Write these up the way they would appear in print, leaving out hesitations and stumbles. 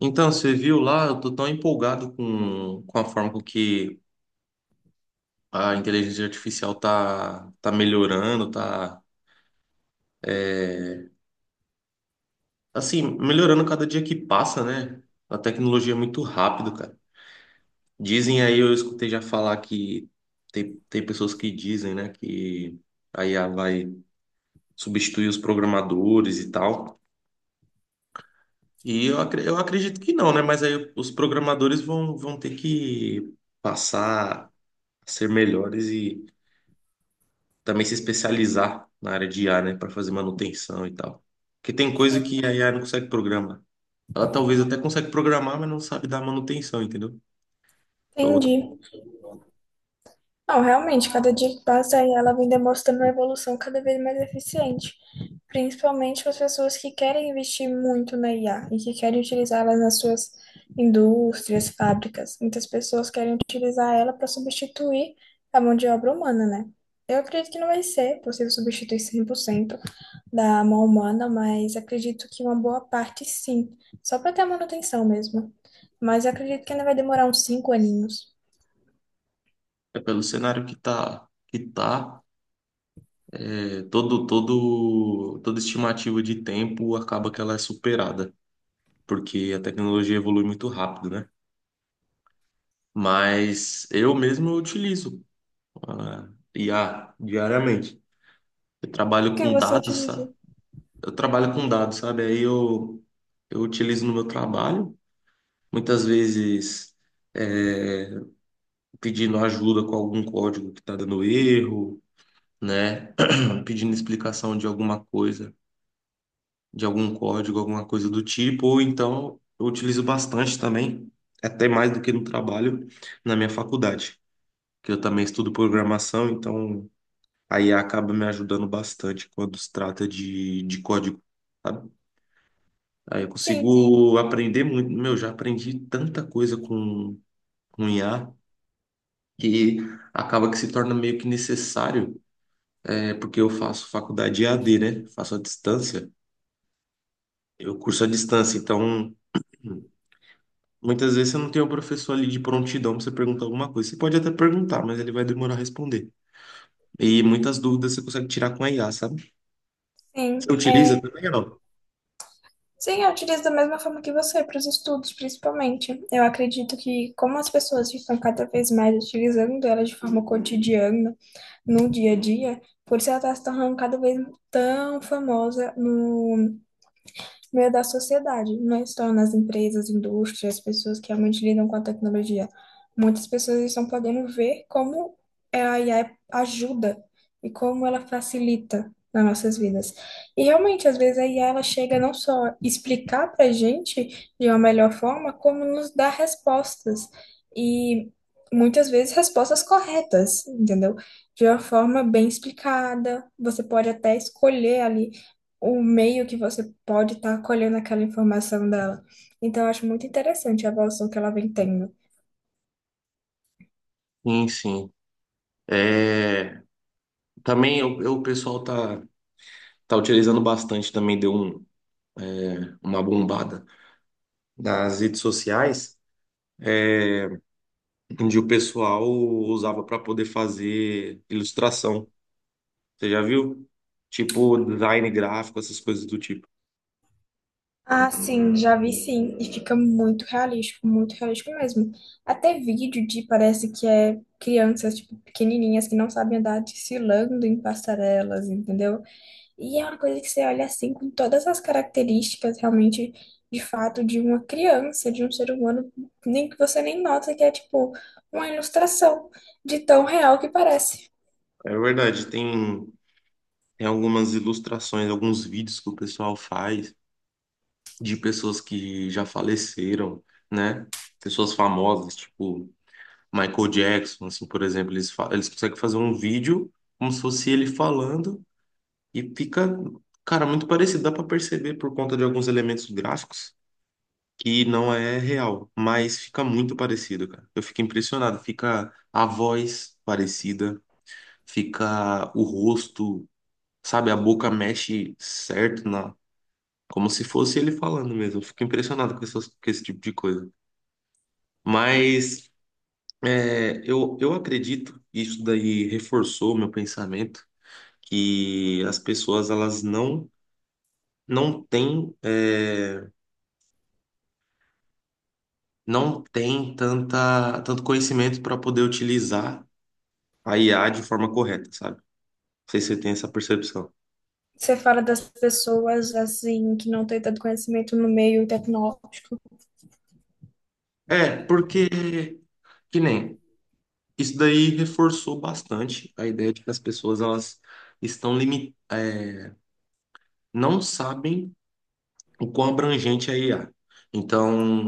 Então, você viu lá, eu tô tão empolgado com a forma com que a inteligência artificial tá melhorando, tá, é, assim, melhorando cada dia que passa, né? A tecnologia é muito rápido, cara. Dizem aí, eu escutei já falar que tem pessoas que dizem, né, que a IA vai substituir os programadores e tal. E eu acredito que não, né? Mas aí os programadores vão ter que passar a ser melhores também se especializar na área de IA, né, para fazer manutenção e tal. Porque tem coisa que a IA não consegue programar. Ela talvez até consegue programar, mas não sabe dar manutenção, entendeu? Então, Entendi. Não, realmente, cada dia que passa aí ela vem demonstrando uma evolução cada vez mais eficiente, principalmente para as pessoas que querem investir muito na IA e que querem utilizá-la nas suas indústrias, fábricas. Muitas pessoas querem utilizar ela para substituir a mão de obra humana, né? Eu acredito que não vai ser possível substituir 100% da mão humana, mas acredito que uma boa parte sim, só para ter a manutenção mesmo. Mas eu acredito que ainda vai demorar uns 5 aninhos. é pelo cenário que tá, toda estimativa de tempo acaba que ela é superada, porque a tecnologia evolui muito rápido, né? Mas eu mesmo utilizo ah, IA diariamente. Eu O trabalho que com você dados, utiliza? eu trabalho com dados, sabe? Eu utilizo no meu trabalho, muitas vezes é, pedindo ajuda com algum código que está dando erro, né? Pedindo explicação de alguma coisa, de algum código, alguma coisa do tipo, ou então eu utilizo bastante também, até mais do que no trabalho, na minha faculdade, que eu também estudo programação, então aí acaba me ajudando bastante quando se trata de código. Sabe? Aí eu Sim, consigo aprender muito. Meu, já aprendi tanta coisa com IA que acaba que se torna meio que necessário, é, porque eu faço faculdade EAD, né? Faço à distância. Eu curso à distância, então muitas vezes você não tem o professor ali de prontidão para você perguntar alguma coisa. Você pode até perguntar, mas ele vai demorar a responder. E muitas dúvidas você consegue tirar com a IA, sabe? Você sim. É, utiliza também ou sim, eu utilizo da mesma forma que você, para os estudos, principalmente. Eu acredito que, como as pessoas estão cada vez mais utilizando ela de forma cotidiana, no dia a dia, por isso ela está se tornando cada vez tão famosa no meio da sociedade, não é só nas empresas, indústrias, pessoas que realmente lidam com a tecnologia. Muitas pessoas estão podendo ver como a IA ajuda e como ela facilita nas nossas vidas. E realmente, às vezes a IA ela chega não só explicar para a gente de uma melhor forma, como nos dar respostas. E muitas vezes respostas corretas, entendeu? De uma forma bem explicada. Você pode até escolher ali o meio que você pode estar colhendo aquela informação dela. Então, eu acho muito interessante a evolução que ela vem tendo. não? Sim, sim. É, também o pessoal tá, tá utilizando bastante, também deu um uma bombada nas redes sociais, é, onde o pessoal usava para poder fazer ilustração. Você já viu? Tipo design gráfico, essas coisas do tipo. Ah, sim, já vi sim, e fica muito realístico mesmo. Até vídeo de parece que é crianças, tipo, pequenininhas que não sabem andar desfilando em passarelas, entendeu? E é uma coisa que você olha assim com todas as características realmente de fato de uma criança, de um ser humano, nem que você nem nota que é tipo uma ilustração de tão real que parece. É verdade, tem algumas ilustrações, alguns vídeos que o pessoal faz de pessoas que já faleceram, né? Pessoas famosas, tipo Michael Jackson, assim, por exemplo, eles conseguem fazer um vídeo como se fosse ele falando. E fica, cara, muito parecido. Dá pra perceber por conta de alguns elementos gráficos que não é real, mas fica muito parecido, cara. Eu fico impressionado. Fica a voz parecida, fica o rosto, sabe? A boca mexe certo na, como se fosse ele falando mesmo. Eu fico impressionado com com esse tipo de coisa. Mas eu acredito, isso daí reforçou o meu pensamento, que as pessoas elas não não têm é, não tem tanto conhecimento para poder utilizar a IA de forma correta, sabe? Não sei se você tem essa percepção. Você fala das pessoas assim que não têm tanto conhecimento no meio tecnológico. É, porque, que nem, isso daí reforçou bastante a ideia de que as pessoas, elas estão limitadas, não sabem o quão abrangente é a IA.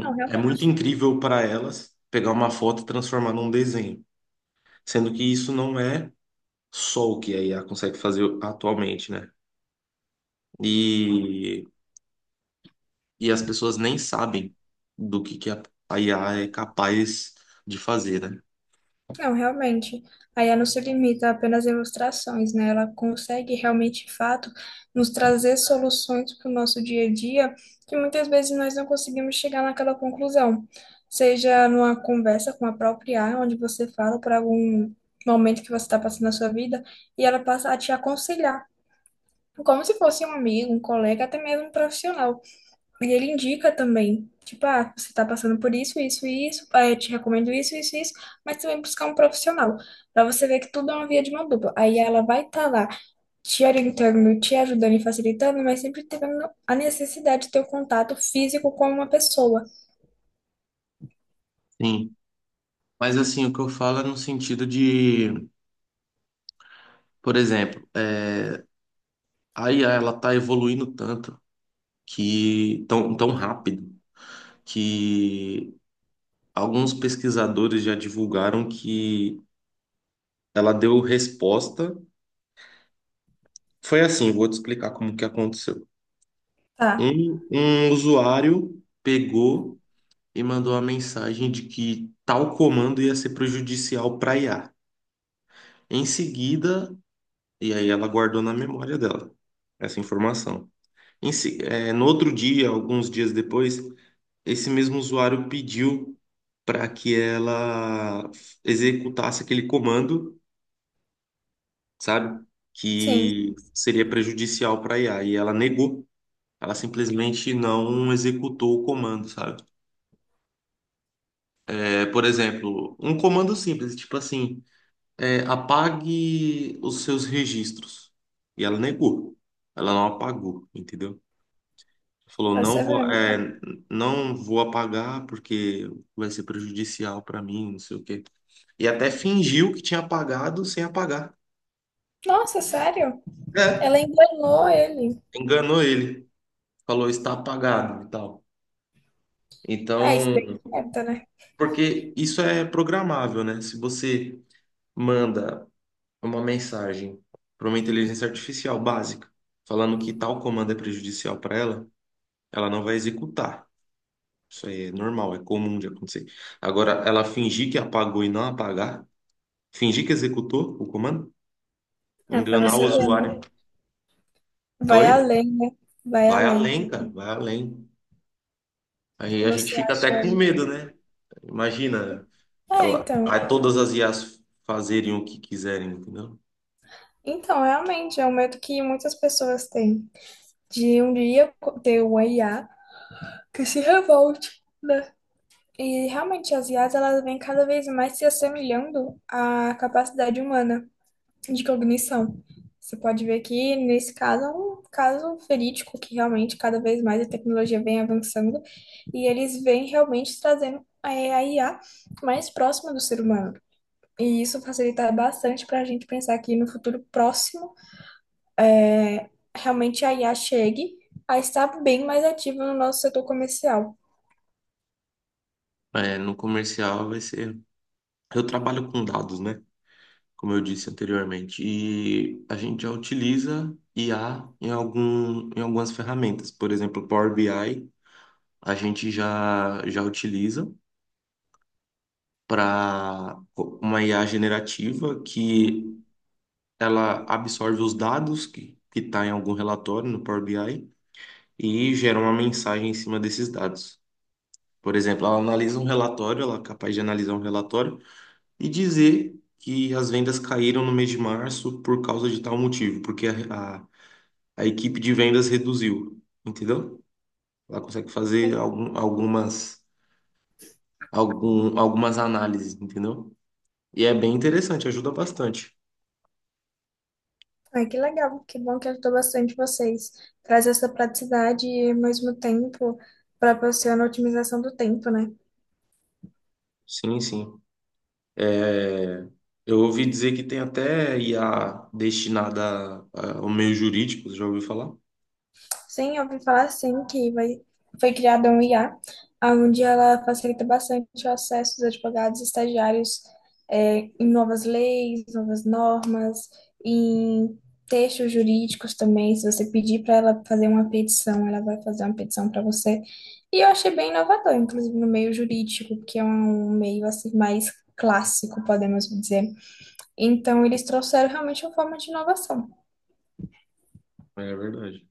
Não, é muito realmente. incrível para elas pegar uma foto e transformar num desenho, sendo que isso não é só o que a IA consegue fazer atualmente, né? E e as pessoas nem sabem do que a IA é capaz de fazer, né? Não, realmente. A IA não se limita apenas a ilustrações, né? Ela consegue realmente, de fato, nos trazer soluções para o nosso dia a dia que muitas vezes nós não conseguimos chegar naquela conclusão. Seja numa conversa com a própria IA, onde você fala por algum momento que você está passando na sua vida e ela passa a te aconselhar, como se fosse um amigo, um colega, até mesmo um profissional. E ele indica também, tipo, ah, você tá passando por isso, isso e isso, ah, eu te recomendo isso, isso e isso, mas também buscar um profissional, pra você ver que tudo é uma via de mão dupla. Aí ela vai estar lá te orientando, te ajudando e facilitando, mas sempre tendo a necessidade de ter o contato físico com uma pessoa. Sim. Mas assim, o que eu falo é no sentido de, por exemplo, é, a IA ela tá evoluindo tanto que tão rápido que alguns pesquisadores já divulgaram que ela deu resposta. Foi assim, vou te explicar como que aconteceu. Tá, Um usuário pegou e mandou a mensagem de que tal comando ia ser prejudicial para IA. Em seguida, e aí ela guardou na memória dela essa informação. No outro dia, alguns dias depois, esse mesmo usuário pediu para que ela executasse aquele comando, sabe? sim, Que seria prejudicial para IA. E ela negou. Ela simplesmente não executou o comando, sabe? É, por exemplo, um comando simples, tipo assim. É, apague os seus registros. E ela negou. Ela não apagou, entendeu? Falou, tá sabendo. Não vou apagar porque vai ser prejudicial para mim, não sei o quê. E até fingiu que tinha apagado sem apagar. Nossa, sério? É, Ela enganou ele. enganou ele. Falou, está apagado e tal. Ah, isso bem Então, quieta, né? porque isso é programável, né? Se você manda uma mensagem para uma inteligência artificial básica falando que tal comando é prejudicial para ela, ela não vai executar. Isso aí é normal, é comum de acontecer. Agora, ela fingir que apagou e não apagar, fingir que executou o comando, É pra enganar o você ver, né? usuário. Vai Oi? além, né? Vai Vai além. além, cara, vai além. Aí a gente Você fica até acha. com medo, né? Imagina, Ah, ela, então. aí todas as IAs fazerem o que quiserem, entendeu? Então, realmente, é um medo que muitas pessoas têm, de um dia ter uma IA que se revolte, né? E realmente, as IAs, elas vêm cada vez mais se assemelhando à capacidade humana de cognição. Você pode ver que, nesse caso, é um caso verídico, que realmente, cada vez mais a tecnologia vem avançando e eles vêm realmente trazendo a IA mais próxima do ser humano. E isso facilita bastante para a gente pensar que no futuro próximo realmente a IA chegue a estar bem mais ativa no nosso setor comercial. É, no comercial vai ser. Eu trabalho com dados, né? Como eu disse anteriormente. E a gente já utiliza IA em algumas ferramentas. Por exemplo, Power BI, a gente já utiliza para uma IA generativa que ela absorve os dados que está em algum relatório no Power BI e gera uma mensagem em cima desses dados. Por exemplo, ela analisa um relatório, ela é capaz de analisar um relatório e dizer que as vendas caíram no mês de março por causa de tal motivo, porque a equipe de vendas reduziu, entendeu? Ela consegue fazer Sim. Algumas análises, entendeu? E é bem interessante, ajuda bastante. Ah, que legal, que bom que ajudou bastante vocês. Traz essa praticidade e, ao mesmo tempo, proporciona a otimização do tempo, né? Sim, sim. É, eu ouvi dizer que tem até IA destinada a- ao meio jurídico, você já ouviu falar? Sim, eu ouvi falar assim que vai, foi criada um IA, onde ela facilita bastante o acesso dos advogados e estagiários em novas leis, novas normas, em textos jurídicos também. Se você pedir para ela fazer uma petição, ela vai fazer uma petição para você. E eu achei bem inovador, inclusive no meio jurídico, que é um meio assim mais clássico, podemos dizer. Então, eles trouxeram realmente uma forma de inovação. É verdade.